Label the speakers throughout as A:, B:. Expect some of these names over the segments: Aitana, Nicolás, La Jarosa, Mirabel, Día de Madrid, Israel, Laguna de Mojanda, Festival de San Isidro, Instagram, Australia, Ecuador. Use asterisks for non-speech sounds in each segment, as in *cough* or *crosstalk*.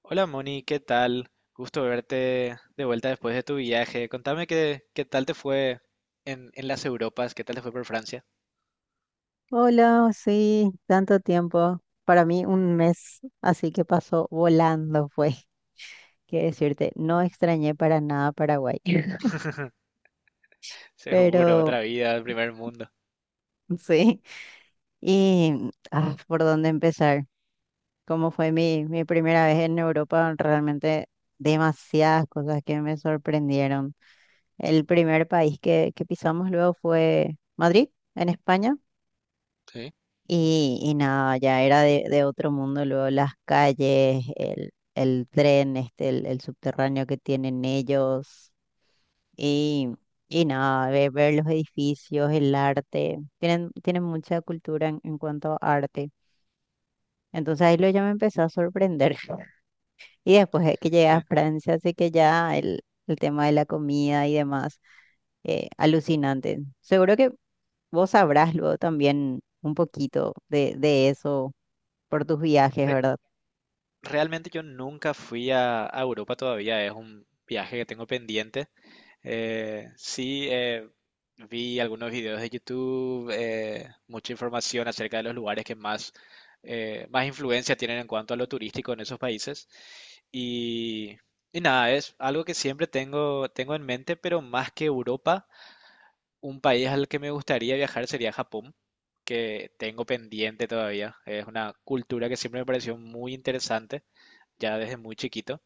A: Hola Moni, ¿qué tal? Gusto verte de vuelta después de tu viaje. Contame qué tal te fue en las Europas, qué tal te fue por Francia.
B: Hola, sí, tanto tiempo. Para mí un mes, así que pasó volando, fue. *laughs* Quiero decirte, no extrañé para nada Paraguay, *laughs*
A: *laughs* Seguro,
B: pero
A: otra vida, el primer mundo.
B: sí. Y ¿por dónde empezar? Como fue mi primera vez en Europa, realmente demasiadas cosas que me sorprendieron. El primer país que pisamos luego fue Madrid, en España.
A: Sí,
B: Y nada, ya era de otro mundo, luego las calles, el tren, este, el subterráneo que tienen ellos, y, y nada, ver, los edificios, el arte, tienen mucha cultura en cuanto a arte. Entonces ahí lo ya me empezó a sorprender. *laughs* Y después de que llegué a
A: Que
B: Francia, así que ya el tema de la comida y demás, alucinante. Seguro que vos sabrás luego también un poquito de eso por tus viajes,
A: re-
B: ¿verdad?
A: realmente yo nunca fui a Europa todavía, es un viaje que tengo pendiente. Sí, vi algunos videos de YouTube, mucha información acerca de los lugares que más, más influencia tienen en cuanto a lo turístico en esos países. Y, y nada, es algo que siempre tengo en mente, pero más que Europa, un país al que me gustaría viajar sería Japón, que tengo pendiente todavía. Es una cultura que siempre me pareció muy interesante, ya desde muy chiquito.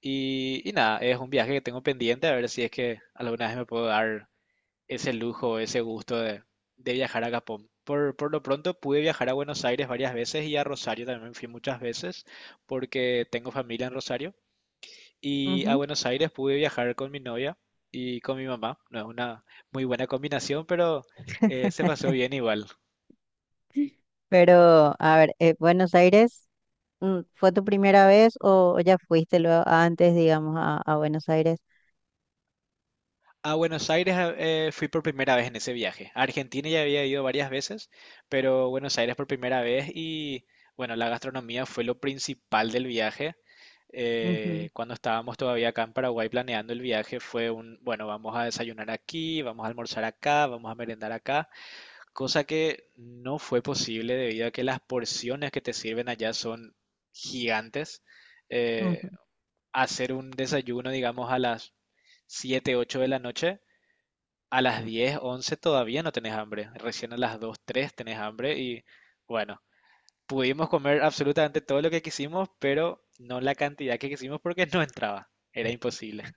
A: Y nada, es un viaje que tengo pendiente, a ver si es que alguna vez me puedo dar ese lujo, ese gusto de viajar a Japón. Por lo pronto pude viajar a Buenos Aires varias veces y a Rosario también fui muchas veces porque tengo familia en Rosario. Y a
B: Ujú.
A: Buenos Aires pude viajar con mi novia y con mi mamá. No es una muy buena combinación, pero se pasó bien igual.
B: Pero, a ver, Buenos Aires, mm, ¿fue tu primera vez o ya fuiste luego antes, digamos, a Buenos Aires?
A: A Buenos Aires fui por primera vez en ese viaje. A Argentina ya había ido varias veces, pero Buenos Aires por primera vez y bueno, la gastronomía fue lo principal del viaje.
B: Ujú,
A: Cuando estábamos todavía acá en Paraguay planeando el viaje fue un, bueno, vamos a desayunar aquí, vamos a almorzar acá, vamos a merendar acá, cosa que no fue posible debido a que las porciones que te sirven allá son gigantes. Eh,
B: ujú.
A: hacer un desayuno, digamos, a las 7 8 de la noche a las 10 11 todavía no tenés hambre. Recién a las 2 3 tenés hambre y bueno, pudimos comer absolutamente todo lo que quisimos, pero no la cantidad que quisimos porque no entraba. Era imposible.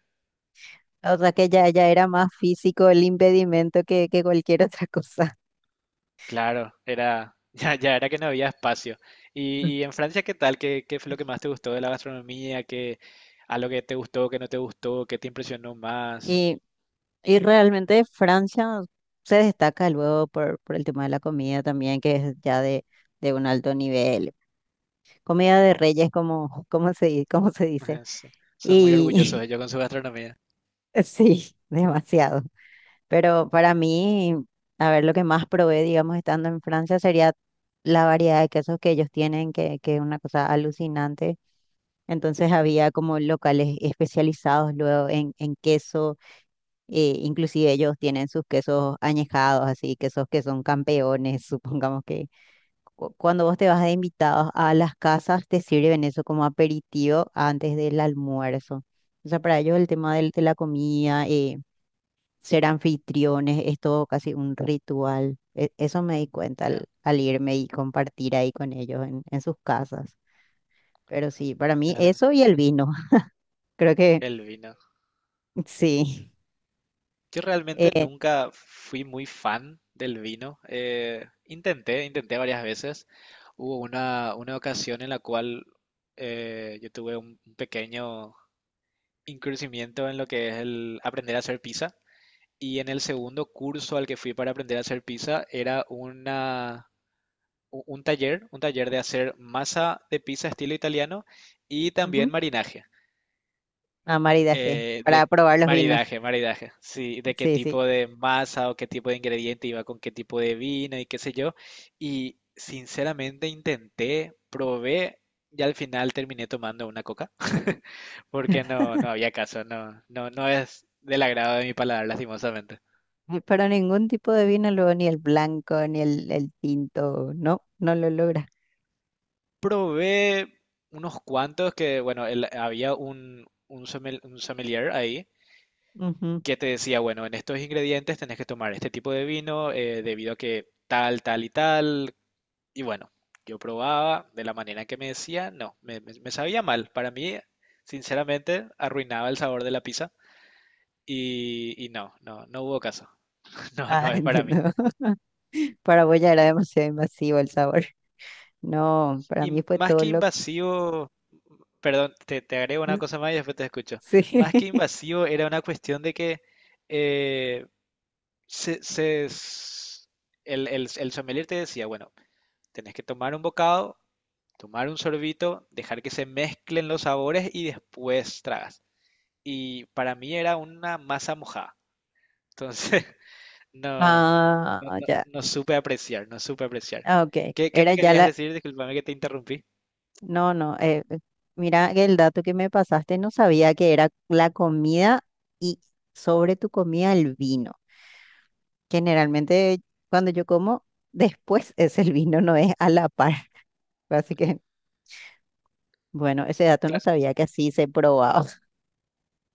B: O sea que ya, ya era más físico el impedimento que cualquier otra cosa.
A: Claro, era *laughs* ya, ya era que no había espacio. Y en
B: *laughs*
A: Francia, ¿qué tal? ¿Qué, qué fue lo que más te gustó de la gastronomía? ¿Qué, a lo que te gustó, qué no te gustó, qué te impresionó más?
B: Y, y realmente Francia se destaca luego por el tema de la comida también, que es ya de un alto nivel. Comida de reyes, como, como se, como se
A: *laughs*
B: dice.
A: Es- son muy orgullosos
B: Y
A: ellos con su gastronomía.
B: *laughs* sí, demasiado. Pero para mí, a ver, lo que más probé, digamos, estando en Francia sería la variedad de quesos que ellos tienen, que es una cosa alucinante. Entonces había como locales especializados luego en queso, inclusive ellos tienen sus quesos añejados, así, quesos que son campeones, *laughs* supongamos que cuando vos te vas de invitados a las casas, te sirven eso como aperitivo antes del almuerzo. O sea, para ellos el tema de, la comida, ser anfitriones, es todo casi un ritual. Eso me di cuenta al,
A: Ya,
B: al irme y compartir ahí con ellos en sus casas. Pero sí, para mí
A: mira algo.
B: eso y el vino. *laughs* Creo que
A: El vino.
B: sí.
A: Yo realmente
B: Eh,
A: nunca fui muy fan del vino. Intenté varias veces. Hubo una ocasión en la cual yo tuve un pequeño incursimiento en lo que es el aprender a hacer pizza. Y en el segundo curso al que fui para aprender a hacer pizza era una, un taller de hacer masa de pizza estilo italiano y también
B: ujú,
A: marinaje.
B: Amar y dejé para
A: De
B: probar los vinos.
A: maridaje, sí, de qué
B: Sí, sí.
A: tipo de masa o qué tipo de ingrediente iba con qué tipo de vino y qué sé yo. Y sinceramente intenté, probé y al final terminé tomando una coca *laughs* porque no, no había caso, no, no, no es del agrado de mi paladar, lastimosamente.
B: Pero ningún tipo de vino, luego ni el blanco, ni el tinto, no, no lo logra.
A: Probé unos cuantos que, bueno, había un un sommelier ahí
B: Ujú.
A: que te decía, bueno, en estos ingredientes tenés que tomar este tipo de vino debido a que tal, tal y tal. Y bueno, yo probaba de la manera que me decía, no, me sabía mal. Para mí, sinceramente, arruinaba el sabor de la pizza y no, no, no hubo caso. *laughs* No,
B: Ah,
A: no
B: *laughs*
A: es para
B: entiendo.
A: mí.
B: *laughs* Para vos ya era demasiado invasivo el sabor. No, para
A: Y
B: mí fue
A: más
B: todo
A: que
B: lo...
A: invasivo, perdón, te agrego una
B: *laughs*
A: cosa más y después te escucho.
B: Sí.
A: Más que invasivo era una cuestión de que eh, se, se s- el sommelier te decía, bueno, tenés que tomar un bocado, tomar un sorbito, dejar que se mezclen los sabores y después tragas. Y para mí era una masa mojada. Entonces, *laughs* no,
B: Ah, ya.
A: no supe apreciar, no supe apreciar.
B: Ah, ok.
A: ¿Qué, qué
B: Era
A: me
B: ya
A: querías
B: la...
A: decir? Disculpame que te interrumpí.
B: No, no. Mira que el dato que me pasaste, no sabía que era la comida y sobre tu comida el vino. Generalmente cuando yo como, *laughs* después es el vino, no es a la par. *laughs* Así que, bueno, ese dato no
A: Claro,
B: sabía que así se probaba. *laughs*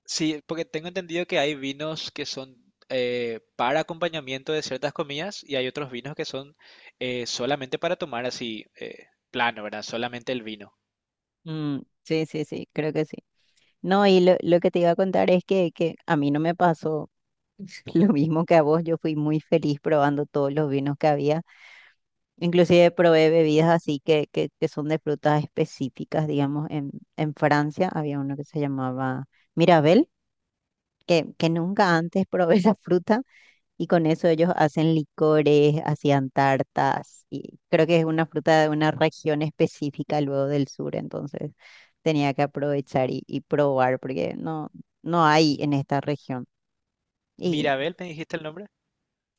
A: sí, porque tengo entendido que hay vinos que son para acompañamiento de ciertas comidas y hay otros vinos que son solamente para tomar así, plano, ¿verdad? Solamente el vino.
B: Mm, sí, sí, sí, creo que sí. No, y lo que te iba a contar es que a mí no me pasó *laughs* lo mismo que a vos. Yo fui muy feliz probando todos los vinos que había. Inclusive probé bebidas así que son de frutas específicas, digamos, en Francia había uno que se llamaba Mirabel, que nunca antes *laughs* probé esa fruta y con eso ellos hacen licores, hacían tartas y creo que es una fruta de una región específica luego del sur, entonces tenía que aprovechar y probar porque no, no hay en esta región. Y
A: Mirabel, ¿me dijiste el nombre?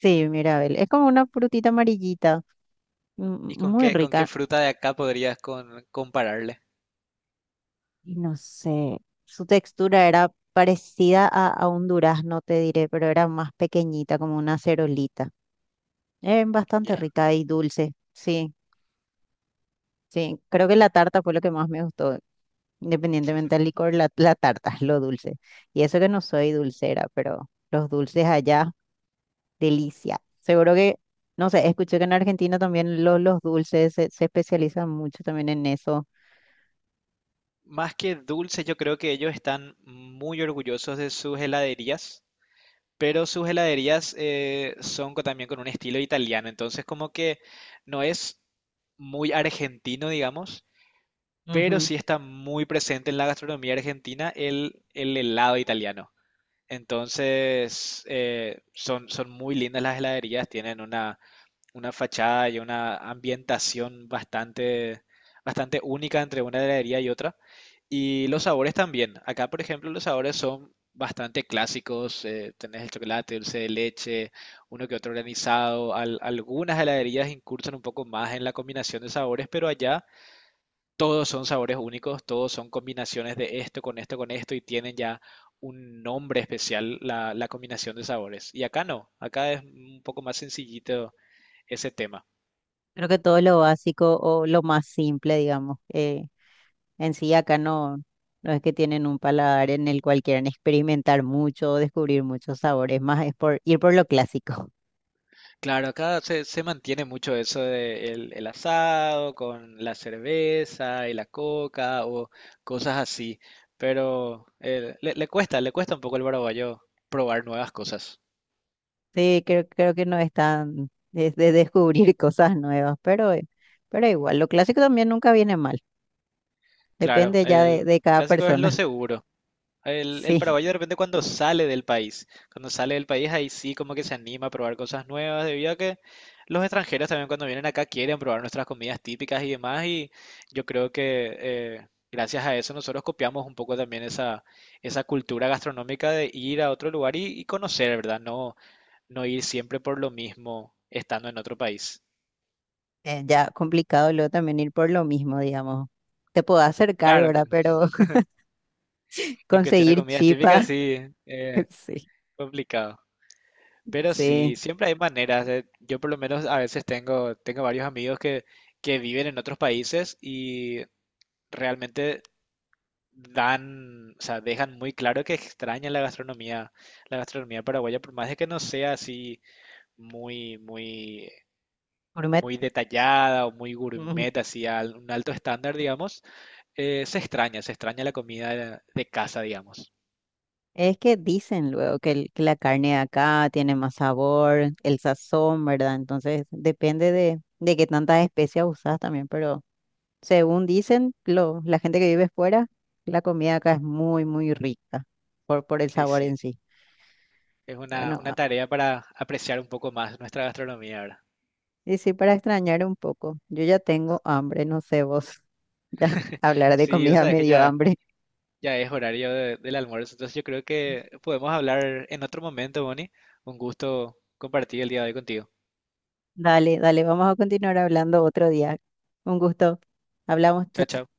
B: sí, Mirabel, es como una frutita amarillita, mm,
A: ¿Y
B: muy
A: con qué
B: rica.
A: fruta de acá podrías compararle?
B: Y no sé, su textura era parecida a un durazno, te diré, pero era más pequeñita, como una cerolita. Era bastante
A: Ya.
B: rica y dulce, sí, sí, creo que la tarta fue lo que más me gustó, independientemente del licor, la tarta, *laughs* lo dulce. Y eso que no soy dulcera, pero los dulces allá, delicia. Seguro que, no sé, escuché que en Argentina también los dulces se especializan mucho también en eso.
A: Más que dulce, yo creo que ellos están muy orgullosos de sus heladerías, pero sus heladerías también con un estilo italiano, entonces como que no es muy argentino, digamos, pero
B: Ujú.
A: sí está muy presente en la gastronomía argentina el helado italiano. Entonces, son muy lindas las heladerías, tienen una fachada y una ambientación bastante, bastante única entre una heladería y otra. Y los sabores también. Acá, por ejemplo, los sabores son bastante clásicos. Tenés el chocolate, dulce de leche, uno que otro granizado. Algunas heladerías incursan un poco más en la combinación de sabores, pero allá todos son sabores únicos, todos son combinaciones de esto con esto con esto y tienen ya un nombre especial la combinación de sabores. Y acá no, acá es un poco más sencillito ese tema.
B: Creo que todo lo básico o lo más simple, digamos. En sí, acá no, no es que tienen un paladar en el cual quieran experimentar mucho o descubrir muchos sabores, más es por ir por lo clásico. *laughs*
A: Claro, acá se mantiene mucho eso de el asado con la cerveza y la coca o cosas así, pero le cuesta un poco al paraguayo probar nuevas cosas.
B: Sí, creo que no es tan es de descubrir *laughs* cosas nuevas, pero igual, lo clásico también nunca viene mal,
A: Claro,
B: depende ya
A: el
B: de cada
A: clásico es lo
B: persona. *laughs*
A: seguro. El
B: Sí,
A: paraguayo de repente cuando sale del país, cuando sale del país ahí sí como que se anima a probar cosas nuevas, debido a que los extranjeros también cuando vienen acá quieren probar nuestras comidas típicas y demás, y yo creo que gracias a eso nosotros copiamos un poco también esa cultura gastronómica de ir a otro lugar y conocer, ¿verdad? No, no ir siempre por lo mismo estando en otro país.
B: ya complicado luego también ir por lo mismo, digamos. Te puedo acercar,
A: Claro, que
B: ¿verdad? Pero *laughs*
A: en cuestión de
B: conseguir
A: comidas típicas
B: chipa,
A: sí, eh,
B: *laughs* sí,
A: complicado. Pero
B: sí,
A: sí, siempre hay maneras. Yo por lo menos a veces tengo varios amigos que viven en otros países y realmente dan, o sea, dejan muy claro que extrañan la gastronomía paraguaya, por más de que no sea así muy, muy,
B: gourmet.
A: muy detallada o muy
B: *laughs*
A: gourmet, así a un alto estándar, digamos, se extraña la comida de casa, digamos.
B: Es que dicen luego que, que la carne de acá tiene más sabor, el sazón, ¿verdad? Entonces depende de qué tantas especias usas también, pero según dicen lo, la gente que vive fuera, la comida acá es muy, muy rica por el
A: Y
B: sabor
A: sí,
B: en sí.
A: es
B: Bueno,
A: una
B: ah,
A: tarea para apreciar un poco más nuestra gastronomía, ahora
B: y sí, para extrañar un poco, yo ya tengo hambre, no sé vos, *laughs* ya hablar de
A: sí, o
B: comida
A: sea, es
B: me
A: que
B: dio
A: ya,
B: hambre.
A: ya es horario del almuerzo, entonces yo creo que podemos hablar en otro momento, Bonnie. Un gusto compartir el día de hoy contigo.
B: *laughs* Dale, dale, vamos a continuar hablando otro día. Un gusto. Hablamos,
A: Chao, chao.
B: chao.